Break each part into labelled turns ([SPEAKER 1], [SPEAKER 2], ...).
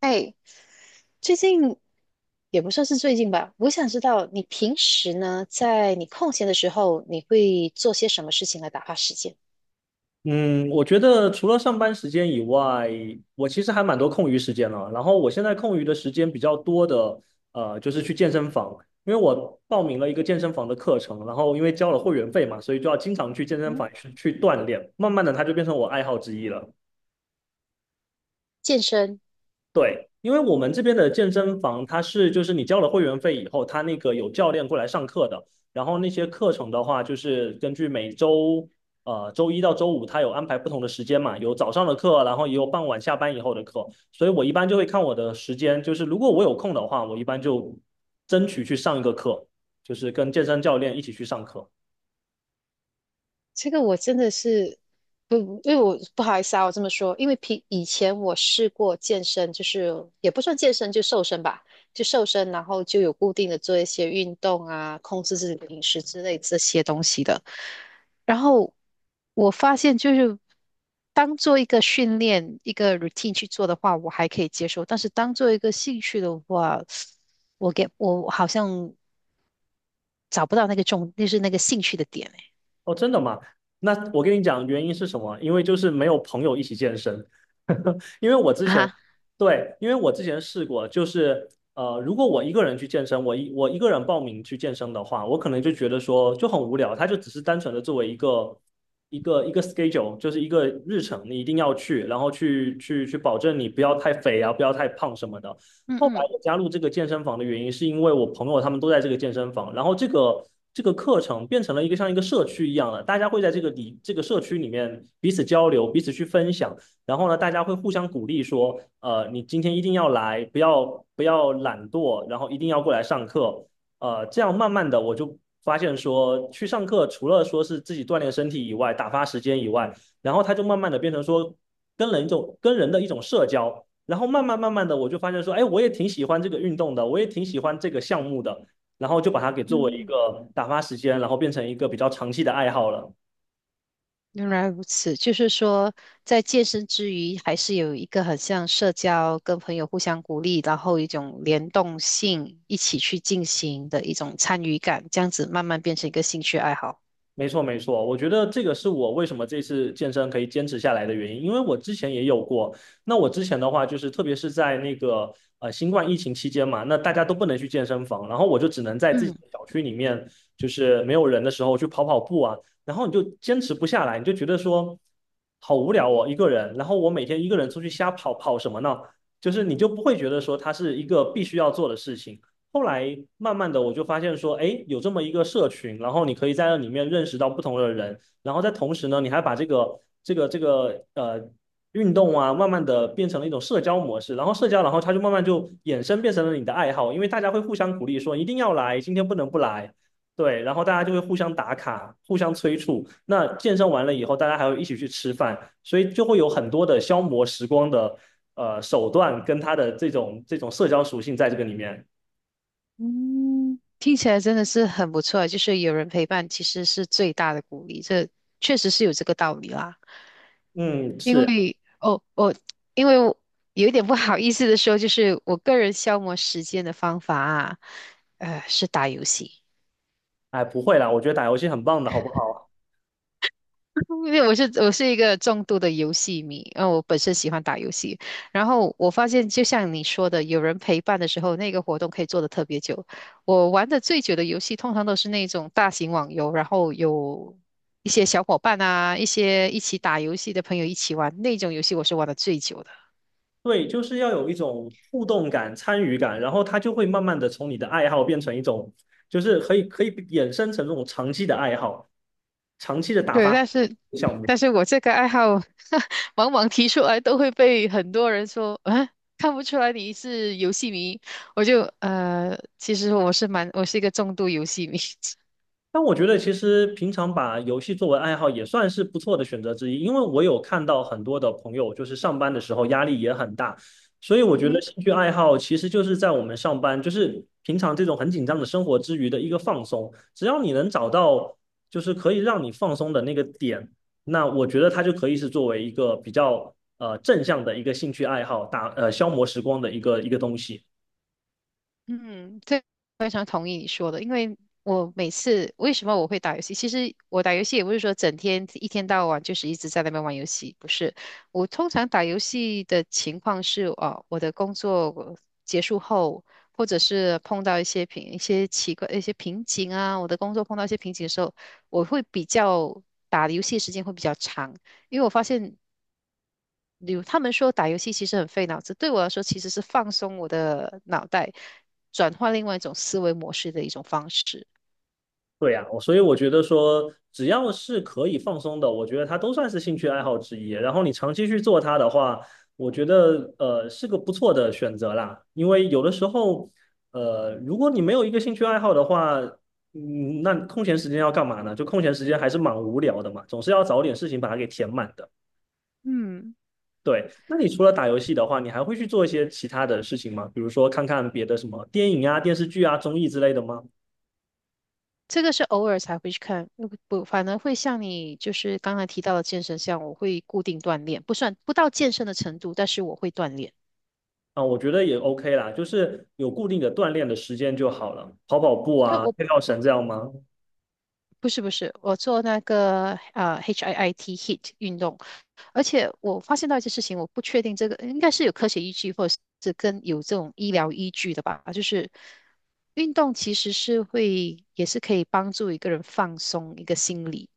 [SPEAKER 1] 哎，最近也不算是最近吧，我想知道你平时呢，在你空闲的时候，你会做些什么事情来打发时间？
[SPEAKER 2] 嗯，我觉得除了上班时间以外，我其实还蛮多空余时间了。然后我现在空余的时间比较多的，就是去健身房，因为我报名了一个健身房的课程，然后因为交了会员费嘛，所以就要经常去健身
[SPEAKER 1] 嗯，
[SPEAKER 2] 房去锻炼。慢慢的，它就变成我爱好之一了。
[SPEAKER 1] 健身、
[SPEAKER 2] 对，因为我们这边的健身房，就是你交了会员费以后，它那个有教练过来上课的。然后那些课程的话，就是根据每周周一到周五，它有安排不同的时间嘛，有早上的课，然后也有傍晚下班以后的课。所以我一般就会看我的时间，就是如果我有空的话，我一般就争取去上一个课，就是跟健身教练一起去上课。
[SPEAKER 1] 这个我真的是不，因为我不好意思啊，我这么说，因为平以前我试过健身，就是也不算健身，就瘦身吧，就瘦身，然后就有固定的做一些运动啊，控制自己的饮食之类这些东西的。然后我发现，就是当做一个训练、一个 routine 去做的话，我还可以接受；但是当做一个兴趣的话，我好像找不到那个重，就是那个兴趣的点诶
[SPEAKER 2] 哦，真的吗？那我跟你讲，原因是什么？因为就是没有朋友一起健身。因为我之前，
[SPEAKER 1] 啊，
[SPEAKER 2] 对，因为我之前试过，就是如果我一个人去健身，我一个人报名去健身的话，我可能就觉得说就很无聊，它就只是单纯的作为一个 schedule，就是一个日程，你一定要去，然后去保证你不要太肥啊，不要太胖什么的。
[SPEAKER 1] 嗯
[SPEAKER 2] 后来
[SPEAKER 1] 嗯
[SPEAKER 2] 我加入这个健身房的原因，是因为我朋友他们都在这个健身房，然后这个课程变成了一个像一个社区一样的，大家会在这个里这个社区里面彼此交流，彼此去分享，然后呢，大家会互相鼓励说，你今天一定要来，不要懒惰，然后一定要过来上课，这样慢慢的我就发现说，去上课除了说是自己锻炼身体以外，打发时间以外，然后它就慢慢的变成说跟人的一种社交。然后慢慢慢慢的，我就发现说，哎，我也挺喜欢这个运动的，我也挺喜欢这个项目的，然后就把它给作为一
[SPEAKER 1] 嗯。
[SPEAKER 2] 个打发时间，然后变成一个比较长期的爱好了。
[SPEAKER 1] 原来如此，就是说，在健身之余，还是有一个很像社交，跟朋友互相鼓励，然后一种联动性，一起去进行的一种参与感，这样子慢慢变成一个兴趣爱好。
[SPEAKER 2] 没错，没错，我觉得这个是我为什么这次健身可以坚持下来的原因，因为我之前也有过。那我之前的话，就是特别是在那个新冠疫情期间嘛，那大家都不能去健身房，然后我就只能在自己
[SPEAKER 1] 嗯
[SPEAKER 2] 的小区里面，就是没有人的时候去跑跑步啊，然后你就坚持不下来，你就觉得说好无聊哦，一个人，然后我每天一个人出去瞎跑，跑什么呢？就是你就不会觉得说它是一个必须要做的事情。后来慢慢的我就发现说，哎，有这么一个社群，然后你可以在那里面认识到不同的人，然后在同时呢，你还把这个运动啊，慢慢的变成了一种社交模式，然后社交，然后它就慢慢就衍生变成了你的爱好，因为大家会互相鼓励说一定要来，今天不能不来，对，然后大家就会互相打卡，互相催促。那健身完了以后，大家还会一起去吃饭，所以就会有很多的消磨时光的手段跟它的这种社交属性在这个里面。
[SPEAKER 1] 嗯，听起来真的是很不错啊，就是有人陪伴其实是最大的鼓励，这确实是有这个道理啦。
[SPEAKER 2] 嗯，
[SPEAKER 1] 因
[SPEAKER 2] 是，
[SPEAKER 1] 为哦，我因为我有一点不好意思的说，就是我个人消磨时间的方法啊，是打游戏。
[SPEAKER 2] 哎，不会啦，我觉得打游戏很棒的，好不好？
[SPEAKER 1] 因为我是一个重度的游戏迷，然后我本身喜欢打游戏，然后我发现就像你说的，有人陪伴的时候，那个活动可以做得特别久。我玩的最久的游戏，通常都是那种大型网游，然后有一些小伙伴啊，一些一起打游戏的朋友一起玩，那种游戏我是玩的最久的。
[SPEAKER 2] 对，就是要有一种互动感、参与感，然后它就会慢慢的从你的爱好变成一种，就是可以衍生成这种长期的爱好、长期的打
[SPEAKER 1] 对，
[SPEAKER 2] 发
[SPEAKER 1] 但是
[SPEAKER 2] 项目。
[SPEAKER 1] 我这个爱好，往往提出来都会被很多人说，啊，看不出来你是游戏迷。我就其实我是蛮，我是一个重度游戏迷。
[SPEAKER 2] 但我觉得其实平常把游戏作为爱好也算是不错的选择之一，因为我有看到很多的朋友就是上班的时候压力也很大，所以我
[SPEAKER 1] 嗯
[SPEAKER 2] 觉得
[SPEAKER 1] 哼。
[SPEAKER 2] 兴趣爱好其实就是在我们上班，就是平常这种很紧张的生活之余的一个放松。只要你能找到就是可以让你放松的那个点，那我觉得它就可以是作为一个比较正向的一个兴趣爱好，消磨时光的一个东西。
[SPEAKER 1] 嗯，这非常同意你说的，因为我每次为什么我会打游戏？其实我打游戏也不是说整天一天到晚就是一直在那边玩游戏，不是。我通常打游戏的情况是，哦，我的工作结束后，或者是碰到一些奇怪一些瓶颈啊，我的工作碰到一些瓶颈的时候，我会比较打游戏的时间会比较长，因为我发现。如他们说打游戏其实很费脑子，对我来说其实是放松我的脑袋，转换另外一种思维模式的一种方式。
[SPEAKER 2] 对呀，所以我觉得说，只要是可以放松的，我觉得它都算是兴趣爱好之一。然后你长期去做它的话，我觉得是个不错的选择啦。因为有的时候，如果你没有一个兴趣爱好的话，那空闲时间要干嘛呢？就空闲时间还是蛮无聊的嘛，总是要找点事情把它给填满的。
[SPEAKER 1] 嗯，
[SPEAKER 2] 对，那你除了打游戏的话，你还会去做一些其他的事情吗？比如说看看别的什么电影啊、电视剧啊、综艺之类的吗？
[SPEAKER 1] 这个是偶尔才会去看，不，反而会像你就是刚才提到的健身像我会固定锻炼，不算不到健身的程度，但是我会锻炼。
[SPEAKER 2] 啊，我觉得也 OK 啦，就是有固定的锻炼的时间就好了，跑跑步
[SPEAKER 1] 就
[SPEAKER 2] 啊，
[SPEAKER 1] 我
[SPEAKER 2] 跳跳绳这样吗？
[SPEAKER 1] 不是不是，我做那个HIIT 运动，而且我发现到一件事情，我不确定这个应该是有科学依据，或者是跟有这种医疗依据的吧。就是运动其实是会，也是可以帮助一个人放松一个心理，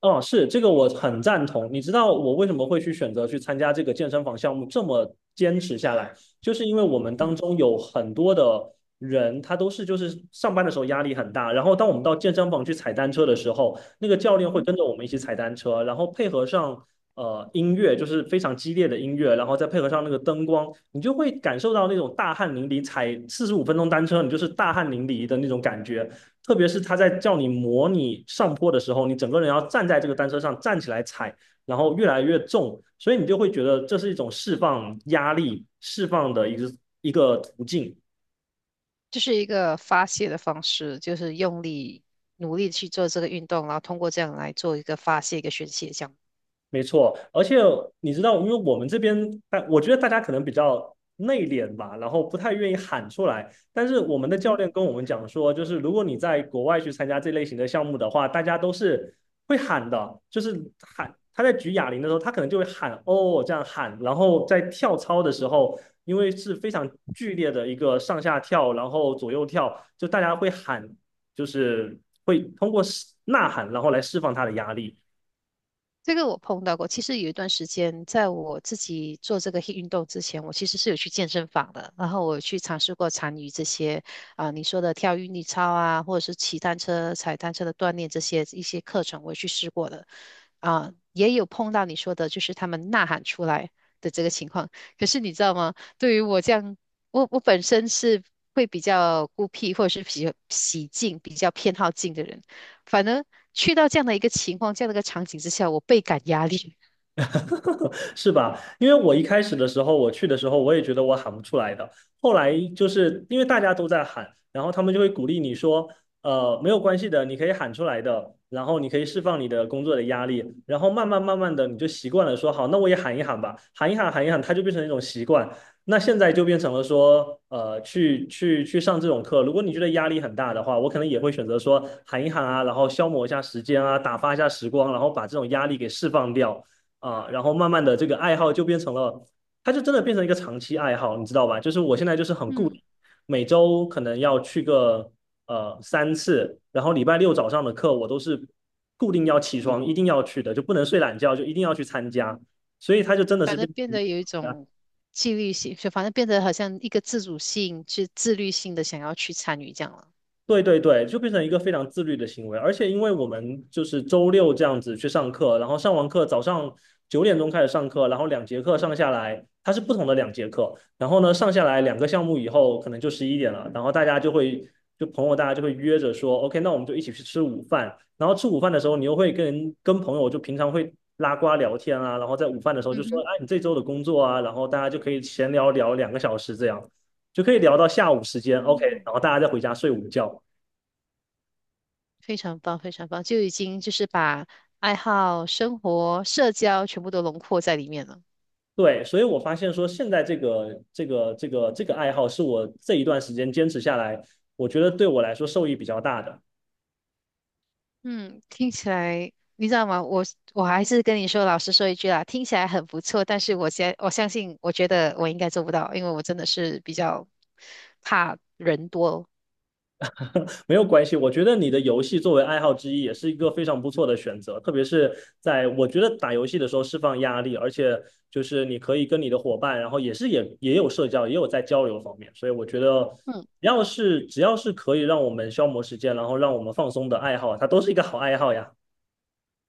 [SPEAKER 2] 哦，是这个我很赞同。你知道我为什么会去选择去参加这个健身房项目，这么坚持下来，就是因为我们当
[SPEAKER 1] 嗯
[SPEAKER 2] 中有很多的人，他就是上班的时候压力很大，然后当我们到健身房去踩单车的时候，那个教练
[SPEAKER 1] 嗯
[SPEAKER 2] 会
[SPEAKER 1] 哼，
[SPEAKER 2] 跟着我们一起踩单车，然后配合上音乐，就是非常激烈的音乐，然后再配合上那个灯光，你就会感受到那种大汗淋漓，踩45分钟单车，你就是大汗淋漓的那种感觉。特别是他在叫你模拟上坡的时候，你整个人要站在这个单车上站起来踩，然后越来越重，所以你就会觉得这是一种释放压力、释放的一个途径。
[SPEAKER 1] 就是一个发泄的方式，就是用力努力去做这个运动，然后通过这样来做一个发泄、一个宣泄，这样。
[SPEAKER 2] 没错，而且你知道，因为我们这边，但我觉得大家可能比较内敛吧，然后不太愿意喊出来。但是我们的
[SPEAKER 1] 嗯
[SPEAKER 2] 教练
[SPEAKER 1] 哼。
[SPEAKER 2] 跟我们讲说，就是如果你在国外去参加这类型的项目的话，大家都是会喊的，就是喊。他在举哑铃的时候，他可能就会喊哦这样喊，然后在跳操的时候，因为是非常剧烈的一个上下跳，然后左右跳，就大家会喊，就是会通过呐喊，然后来释放他的压力。
[SPEAKER 1] 这个我碰到过。其实有一段时间，在我自己做这个 HIIT 运动之前，我其实是有去健身房的，然后我有去尝试过参与这些啊、你说的跳韵律操啊，或者是骑单车、踩单车的锻炼这些一些课程，我也去试过的。啊、也有碰到你说的，就是他们呐喊出来的这个情况。可是你知道吗？对于我这样，我本身是会比较孤僻，或者是比较喜静、比较偏好静的人。反而去到这样的一个情况、这样的一个场景之下，我倍感压力，
[SPEAKER 2] 是吧？因为我一开始的时候，我去的时候，我也觉得我喊不出来的。后来就是因为大家都在喊，然后他们就会鼓励你说，没有关系的，你可以喊出来的，然后你可以释放你的工作的压力，然后慢慢慢慢的你就习惯了说，好，那我也喊一喊吧，喊一喊，喊一喊，它就变成一种习惯。那现在就变成了说，去上这种课，如果你觉得压力很大的话，我可能也会选择说喊一喊啊，然后消磨一下时间啊，打发一下时光，然后把这种压力给释放掉。啊、然后慢慢的这个爱好就变成了，它就真的变成一个长期爱好，你知道吧？就是我现在就是很固定，
[SPEAKER 1] 嗯，
[SPEAKER 2] 每周可能要去个3次，然后礼拜六早上的课我都是固定要起床一定要去的，就不能睡懒觉，就一定要去参加，所以它就真的是
[SPEAKER 1] 反而
[SPEAKER 2] 变
[SPEAKER 1] 变
[SPEAKER 2] 成。
[SPEAKER 1] 得有一种纪律性，就反正变得好像一个自主性、自自律性的想要去参与这样了。
[SPEAKER 2] 对对对，就变成一个非常自律的行为，而且因为我们就是周六这样子去上课，然后上完课早上9点钟开始上课，然后两节课上下来，它是不同的两节课，然后呢上下来2个项目以后可能就11点了，然后大家就会就朋友大家就会约着说，OK，那我们就一起去吃午饭，然后吃午饭的时候你又会跟朋友就平常会拉呱聊天啊，然后在午饭的时候就
[SPEAKER 1] 嗯
[SPEAKER 2] 说，
[SPEAKER 1] 哼，
[SPEAKER 2] 哎，你这周的工作啊，然后大家就可以闲聊聊2个小时这样。就可以聊到下午时间，OK，
[SPEAKER 1] 哦，
[SPEAKER 2] 然后大家再回家睡午觉，
[SPEAKER 1] 非常棒，非常棒，就已经就是把爱好、生活、社交全部都轮廓在里面了。
[SPEAKER 2] 对，所以我发现说，现在这个爱好是我这一段时间坚持下来，我觉得对我来说受益比较大的。
[SPEAKER 1] 嗯，听起来你知道吗？我还是跟你说，老实说一句啦，听起来很不错，但是我相信，我觉得我应该做不到，因为我真的是比较怕人多。
[SPEAKER 2] 没有关系，我觉得你的游戏作为爱好之一也是一个非常不错的选择，特别是在我觉得打游戏的时候释放压力，而且就是你可以跟你的伙伴，然后也有社交，也有在交流方面，所以我觉得
[SPEAKER 1] 嗯，
[SPEAKER 2] 只要是可以让我们消磨时间，然后让我们放松的爱好，它都是一个好爱好呀。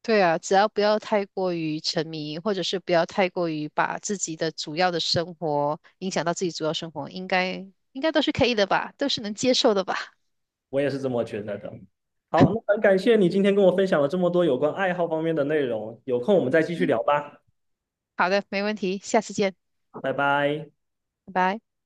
[SPEAKER 1] 对啊，只要不要太过于沉迷，或者是不要太过于把自己的主要的生活影响到自己主要生活，应该都是可以的吧，都是能接受的吧。
[SPEAKER 2] 我也是这么觉得的。好，那很感谢你今天跟我分享了这么多有关爱好方面的内容，有空我们再继续
[SPEAKER 1] 嗯，
[SPEAKER 2] 聊吧，
[SPEAKER 1] 好的，没问题，下次见，
[SPEAKER 2] 拜拜。
[SPEAKER 1] 拜拜。